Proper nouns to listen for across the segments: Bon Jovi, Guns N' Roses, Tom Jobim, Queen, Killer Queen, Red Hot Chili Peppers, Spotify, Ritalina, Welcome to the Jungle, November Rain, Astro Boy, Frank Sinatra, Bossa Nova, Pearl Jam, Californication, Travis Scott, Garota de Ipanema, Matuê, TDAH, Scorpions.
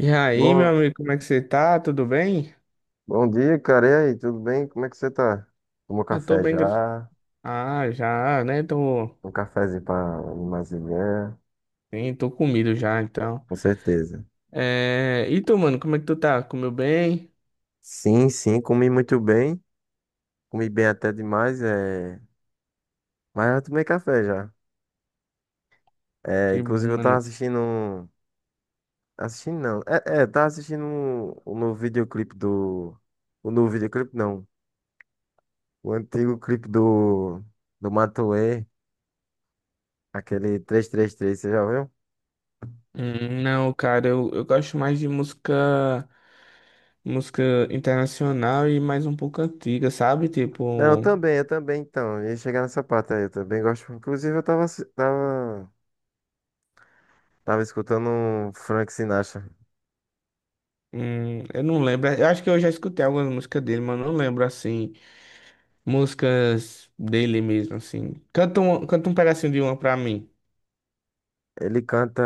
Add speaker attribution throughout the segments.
Speaker 1: E aí, meu
Speaker 2: Bom,
Speaker 1: amigo, como é que você tá? Tudo bem?
Speaker 2: bom dia, cara. E aí, tudo bem? Como é que você tá? Tomou
Speaker 1: Eu tô
Speaker 2: café
Speaker 1: bem.
Speaker 2: já?
Speaker 1: Ah, já, né? Tô,
Speaker 2: Um cafezinho pra animar as ideias?
Speaker 1: sim, tô comido já, então.
Speaker 2: Com certeza.
Speaker 1: É... E tu, mano, como é que tu tá? Comeu bem?
Speaker 2: Sim, sim, comi muito bem. Comi bem até demais, mas eu tomei café já. É,
Speaker 1: Que bom,
Speaker 2: inclusive eu tava
Speaker 1: mano.
Speaker 2: assistindo. Assistindo não. Tava assistindo um novo videoclipe do... O novo videoclipe não. O antigo clipe do... Do Matuê, aquele 333, você já viu?
Speaker 1: Não, cara, eu gosto mais de música, música internacional e mais um pouco antiga, sabe?
Speaker 2: Não,
Speaker 1: Tipo,
Speaker 2: eu também, então. Eu ia chegar nessa parte aí, eu também gosto. Inclusive, eu tava escutando um Frank Sinatra.
Speaker 1: eu não lembro. Eu acho que eu já escutei algumas músicas dele, mas eu não lembro, assim, músicas dele mesmo, assim. Canta um pedacinho de uma pra mim.
Speaker 2: Ele canta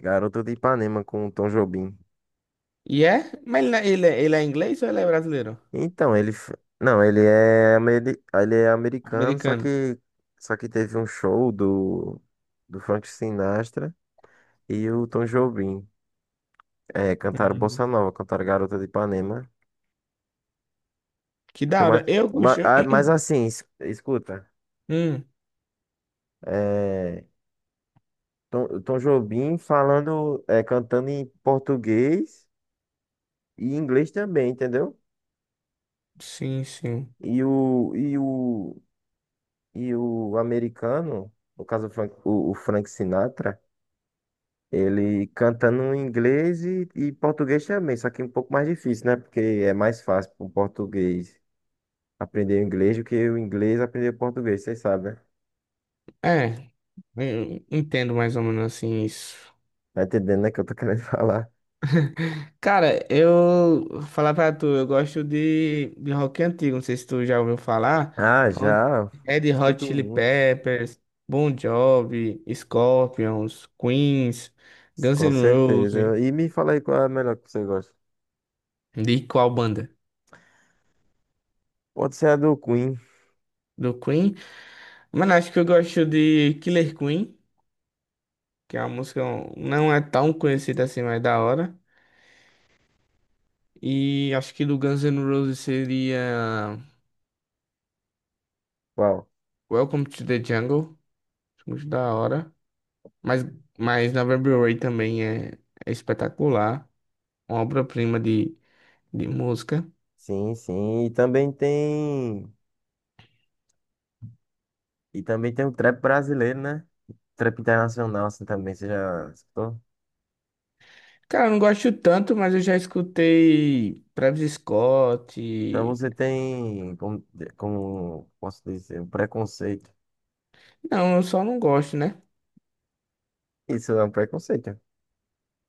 Speaker 2: Garoto de Ipanema com o Tom Jobim.
Speaker 1: E é? Mas ele é inglês ou ele é brasileiro?
Speaker 2: Então, ele. Não, ele é, ele é americano, só
Speaker 1: Americano.
Speaker 2: que, só que teve um show do Frank Sinatra e o Tom Jobim. É, cantaram
Speaker 1: Hum,
Speaker 2: Bossa Nova, cantaram Garota de Ipanema.
Speaker 1: Que
Speaker 2: O que é
Speaker 1: da
Speaker 2: mais,
Speaker 1: hora. Eu gosto.
Speaker 2: mas assim, escuta.
Speaker 1: Hum,
Speaker 2: é, Tom Jobim falando, cantando em português e inglês também, entendeu?
Speaker 1: sim, sim.
Speaker 2: E o, e o, e o americano, no caso o Frank, o Frank Sinatra, ele cantando em inglês e português também, só que um pouco mais difícil, né? Porque é mais fácil para o português aprender o inglês do que o inglês aprender o português, vocês sabem, né?
Speaker 1: É, eu entendo mais ou menos assim isso.
Speaker 2: Tá entendendo, né, que eu tô querendo falar.
Speaker 1: Cara, eu vou falar pra tu, eu gosto de rock antigo, não sei se tu já ouviu falar.
Speaker 2: Ah,
Speaker 1: Hot-
Speaker 2: já.
Speaker 1: Red Hot
Speaker 2: Escuto
Speaker 1: Chili
Speaker 2: muito.
Speaker 1: Peppers, Bon Jovi, Scorpions, Queens, Guns
Speaker 2: Com
Speaker 1: N' Roses.
Speaker 2: certeza. E me fala aí qual é a melhor que você gosta.
Speaker 1: De qual banda?
Speaker 2: Pode ser a do Queen.
Speaker 1: Do Queen? Mano, acho que eu gosto de Killer Queen, que é uma música não é tão conhecida assim, mas é da hora. E acho que do Guns N' Roses seria
Speaker 2: Qual?
Speaker 1: Welcome to the Jungle, acho muito da hora. Mas, mas November Rain também é, é espetacular, uma obra-prima de música.
Speaker 2: Sim, sim. E também tem. E também tem o trap brasileiro, né? Trap internacional, assim também, você já escutou?
Speaker 1: Cara, eu não gosto tanto, mas eu já escutei Travis Scott.
Speaker 2: Então você tem, como posso dizer, um preconceito.
Speaker 1: Não, eu só não gosto, né?
Speaker 2: Isso é um preconceito.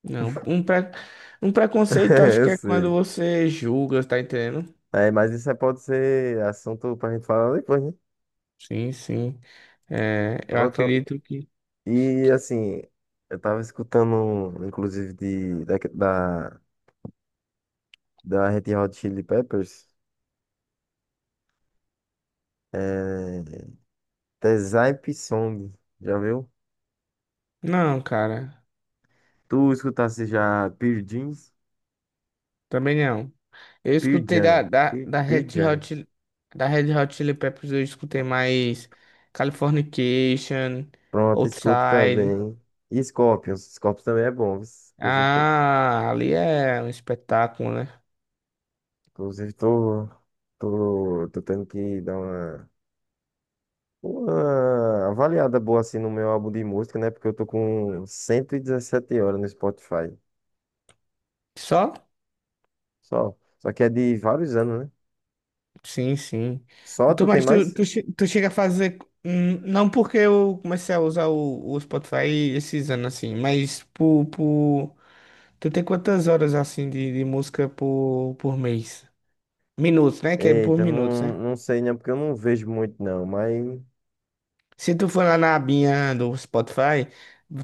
Speaker 1: Não, um, pre... Um preconceito acho
Speaker 2: Eu
Speaker 1: que é quando
Speaker 2: sei.
Speaker 1: você julga, tá entendendo?
Speaker 2: É, mas isso aí pode ser assunto pra gente falar depois, né?
Speaker 1: Sim, sim. É, eu
Speaker 2: Voltando.
Speaker 1: acredito que
Speaker 2: E assim, eu tava escutando, inclusive, da Red Hot Chili Peppers. é. Tezai Song. Já viu?
Speaker 1: não, cara.
Speaker 2: Tu escutasse já Pearl Jeans?
Speaker 1: Também não. Eu
Speaker 2: Pearl
Speaker 1: escutei da,
Speaker 2: Jam.
Speaker 1: da,
Speaker 2: Pearl
Speaker 1: da
Speaker 2: Pearl Jam.
Speaker 1: Da Red Hot Chili Peppers, eu escutei mais Californication,
Speaker 2: Pronto, escuto
Speaker 1: Outside.
Speaker 2: também. E Scorpions. Scorpions também é bom. Viu? Inclusive, tô,
Speaker 1: Ah, ali é um espetáculo, né?
Speaker 2: inclusive, tô tendo que dar uma avaliada boa assim no meu álbum de música, né? Porque eu tô com 117 horas no Spotify.
Speaker 1: Só?
Speaker 2: Só. Só que é de vários anos, né?
Speaker 1: Sim, sim.
Speaker 2: Só
Speaker 1: Tu,
Speaker 2: tu tem
Speaker 1: mas
Speaker 2: mais?
Speaker 1: tu chega a fazer. Hum, não porque eu comecei a usar o Spotify esses anos assim, mas por, por. Tu tem quantas horas assim de música por mês? Minutos, né? Que é por
Speaker 2: Eita,
Speaker 1: minutos,
Speaker 2: não,
Speaker 1: né?
Speaker 2: não sei, né? Porque eu não vejo muito, não. Mas.
Speaker 1: Se tu for lá na abinha do Spotify,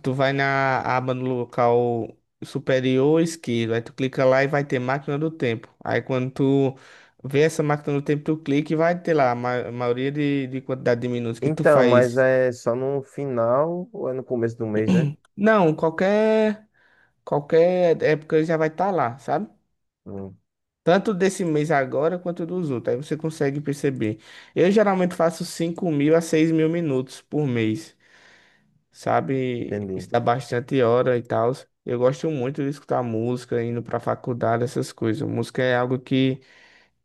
Speaker 1: tu vai na aba no local superior esquerdo. Aí tu clica lá e vai ter máquina do tempo. Aí quando tu vê essa máquina do tempo, tu clica e vai ter lá a a maioria de quantidade de minutos que tu
Speaker 2: Então, mas
Speaker 1: faz.
Speaker 2: é só no final ou é no começo do mês, né?
Speaker 1: Não, qualquer época já vai estar lá, sabe?
Speaker 2: Hum,
Speaker 1: Tanto desse mês agora quanto dos outros. Aí você consegue perceber. Eu geralmente faço 5.000 a 6.000 minutos por mês. Sabe?
Speaker 2: entendi.
Speaker 1: Estudar bastante hora e tal. Eu gosto muito de escutar música, indo pra faculdade, essas coisas. Música é algo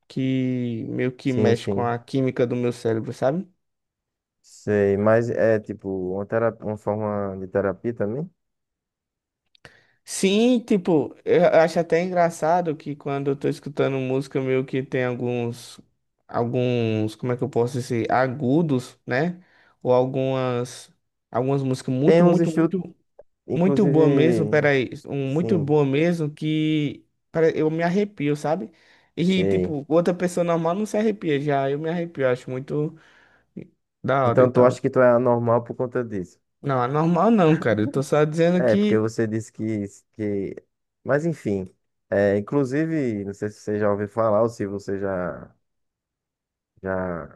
Speaker 1: que meio que
Speaker 2: Sim,
Speaker 1: mexe com
Speaker 2: sim.
Speaker 1: a química do meu cérebro, sabe?
Speaker 2: Sei, mas é tipo uma terapia, uma forma de terapia também?
Speaker 1: Sim, tipo, eu acho até engraçado que quando eu tô escutando música, meio que tem alguns, alguns, como é que eu posso dizer, agudos, né? Ou algumas, algumas músicas
Speaker 2: Tem
Speaker 1: muito,
Speaker 2: uns
Speaker 1: muito,
Speaker 2: estudos,
Speaker 1: muito muito boa mesmo,
Speaker 2: inclusive,
Speaker 1: peraí. Muito
Speaker 2: sim,
Speaker 1: boa mesmo que eu me arrepio, sabe? E,
Speaker 2: sei.
Speaker 1: tipo, outra pessoa normal não se arrepia já. Eu me arrepio, acho muito da hora e
Speaker 2: Então, tu
Speaker 1: tal.
Speaker 2: acha que tu é anormal por conta disso?
Speaker 1: Não, é normal não, cara. Eu tô só dizendo
Speaker 2: É, porque
Speaker 1: que
Speaker 2: você disse que... Mas enfim, inclusive, não sei se você já ouviu falar ou se você já,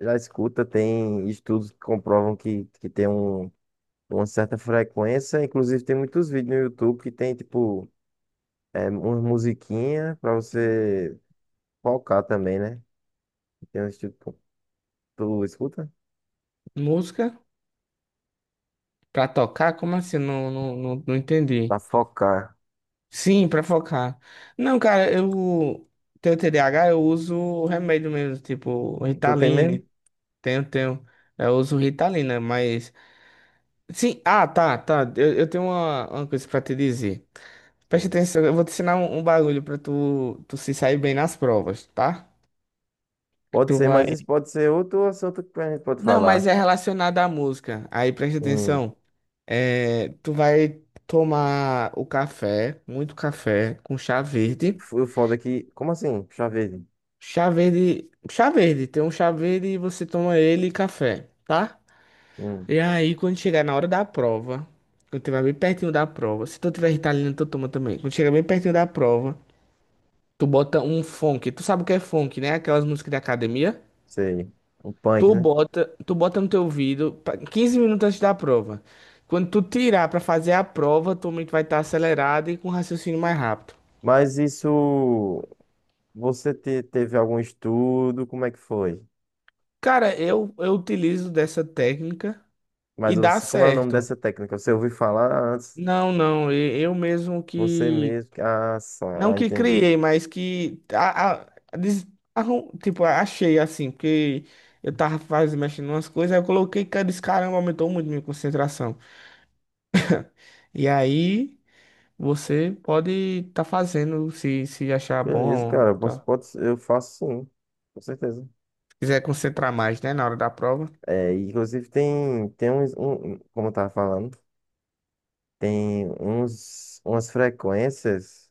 Speaker 2: já escuta, tem estudos que comprovam que tem um com certa frequência. Inclusive, tem muitos vídeos no YouTube que tem, tipo, uma musiquinha pra você focar também, né? Tem uns tipo, tu escuta?
Speaker 1: música pra tocar, como assim? Eu não, não
Speaker 2: Pra
Speaker 1: entendi.
Speaker 2: focar.
Speaker 1: Sim, pra focar. Não, cara, eu tenho TDAH, eu uso o remédio mesmo, tipo,
Speaker 2: Tu tem mesmo?
Speaker 1: Ritalina. Tenho, tenho. Eu uso Ritalina, mas. Sim, ah, tá, tá. Eu tenho uma coisa pra te dizer. Preste
Speaker 2: Sim.
Speaker 1: atenção, eu vou te ensinar um, um bagulho pra tu, tu se sair bem nas provas, tá?
Speaker 2: Pode
Speaker 1: Tu
Speaker 2: ser, mas
Speaker 1: vai.
Speaker 2: isso pode ser outro assunto que a gente pode
Speaker 1: Não, mas
Speaker 2: falar.
Speaker 1: é relacionado à música. Aí preste
Speaker 2: Hum,
Speaker 1: atenção. É, tu vai tomar o café, muito café, com chá verde.
Speaker 2: foi o foda é que. Como assim? Puxa vida.
Speaker 1: Chá verde. Chá verde, tem um chá verde e você toma ele e café, tá?
Speaker 2: Hum,
Speaker 1: E aí, quando chegar na hora da prova, quando tiver bem pertinho da prova, se tu tiver Ritalina, tu toma também. Quando chegar bem pertinho da prova. Tu bota um funk. Tu sabe o que é funk, né? Aquelas músicas de academia.
Speaker 2: sei. Um
Speaker 1: Tu
Speaker 2: punk, né?
Speaker 1: bota, tu bota no teu ouvido 15 minutos antes da prova. Quando tu tirar pra fazer a prova, tua mente vai estar acelerada e com raciocínio mais rápido.
Speaker 2: Mas isso. Você teve algum estudo? Como é que foi?
Speaker 1: Cara, eu utilizo dessa técnica
Speaker 2: Mas
Speaker 1: e dá
Speaker 2: você, como é o nome
Speaker 1: certo.
Speaker 2: dessa técnica? Você ouviu falar antes?
Speaker 1: Não, não, e- eu mesmo
Speaker 2: Você
Speaker 1: que.
Speaker 2: mesmo.
Speaker 1: Não
Speaker 2: Ah,
Speaker 1: que
Speaker 2: entendi.
Speaker 1: criei, mas que. Tipo, achei assim, porque eu tava fazendo, mexendo umas coisas, aí eu coloquei, cara, esse caramba aumentou muito minha concentração. E aí você pode estar fazendo se, se achar
Speaker 2: Beleza,
Speaker 1: bom,
Speaker 2: cara.
Speaker 1: tá?
Speaker 2: Eu faço sim. Com certeza.
Speaker 1: Se quiser concentrar mais, né, na hora da prova.
Speaker 2: Inclusive tem como eu tava falando, umas frequências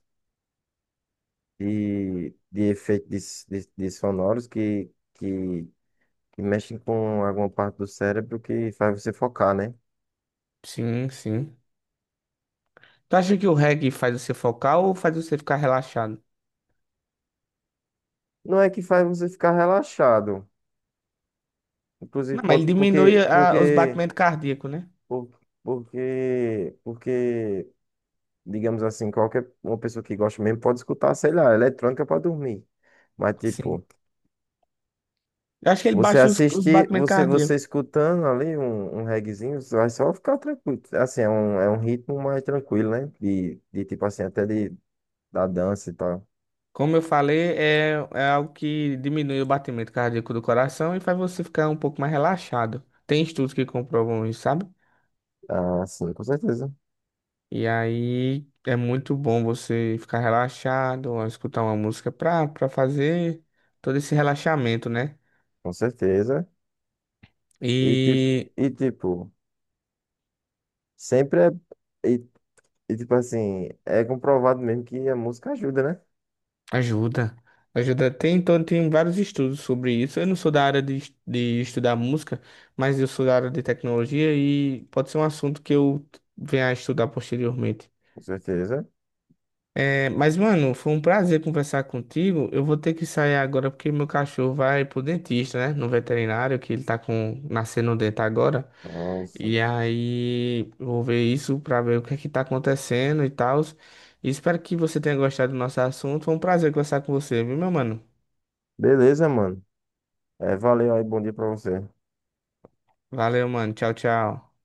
Speaker 2: de efeitos de sonoros que mexem com alguma parte do cérebro que faz você focar, né?
Speaker 1: Sim, sim. Tu acha que o reggae faz você focar ou faz você ficar relaxado?
Speaker 2: Não é que faz você ficar relaxado. Inclusive
Speaker 1: Não, mas ele
Speaker 2: pode,
Speaker 1: diminui os batimentos cardíacos, né?
Speaker 2: por- porque digamos assim, qualquer uma pessoa que gosta mesmo pode escutar, sei lá, eletrônica para dormir. Mas,
Speaker 1: Sim.
Speaker 2: tipo,
Speaker 1: Eu acho que ele
Speaker 2: você
Speaker 1: baixa os
Speaker 2: assistir,
Speaker 1: batimentos
Speaker 2: você
Speaker 1: cardíacos.
Speaker 2: escutando ali um reguezinho, você vai só ficar tranquilo. Assim, é um ritmo mais tranquilo, né? De tipo assim, até da dança e tal.
Speaker 1: Como eu falei, é, é algo que diminui o batimento cardíaco do coração e faz você ficar um pouco mais relaxado. Tem estudos que comprovam isso, sabe?
Speaker 2: Ah, sim, com certeza.
Speaker 1: E aí é muito bom você ficar relaxado, escutar uma música pra fazer todo esse relaxamento, né?
Speaker 2: Com certeza. E tipo,
Speaker 1: E
Speaker 2: e tipo, sempre é. E, e tipo assim, é comprovado mesmo que a música ajuda, né?
Speaker 1: ajuda. Ajuda. Tem, então, tem vários estudos sobre isso. Eu não sou da área de, de estudar música, mas eu sou da área de tecnologia e pode ser um assunto que eu venha a estudar posteriormente.
Speaker 2: Com certeza.
Speaker 1: É, mas, mano, foi um prazer conversar contigo. Eu vou ter que sair agora porque meu cachorro vai pro dentista, né? No veterinário, que ele tá com nascendo um dente agora.
Speaker 2: Nossa.
Speaker 1: E aí, vou ver isso pra ver o que é que tá acontecendo e tal. E espero que você tenha gostado do nosso assunto. Foi um prazer conversar com você, viu, meu mano?
Speaker 2: Beleza, mano. É, valeu aí, bom dia pra você.
Speaker 1: Valeu, mano. Tchau, tchau.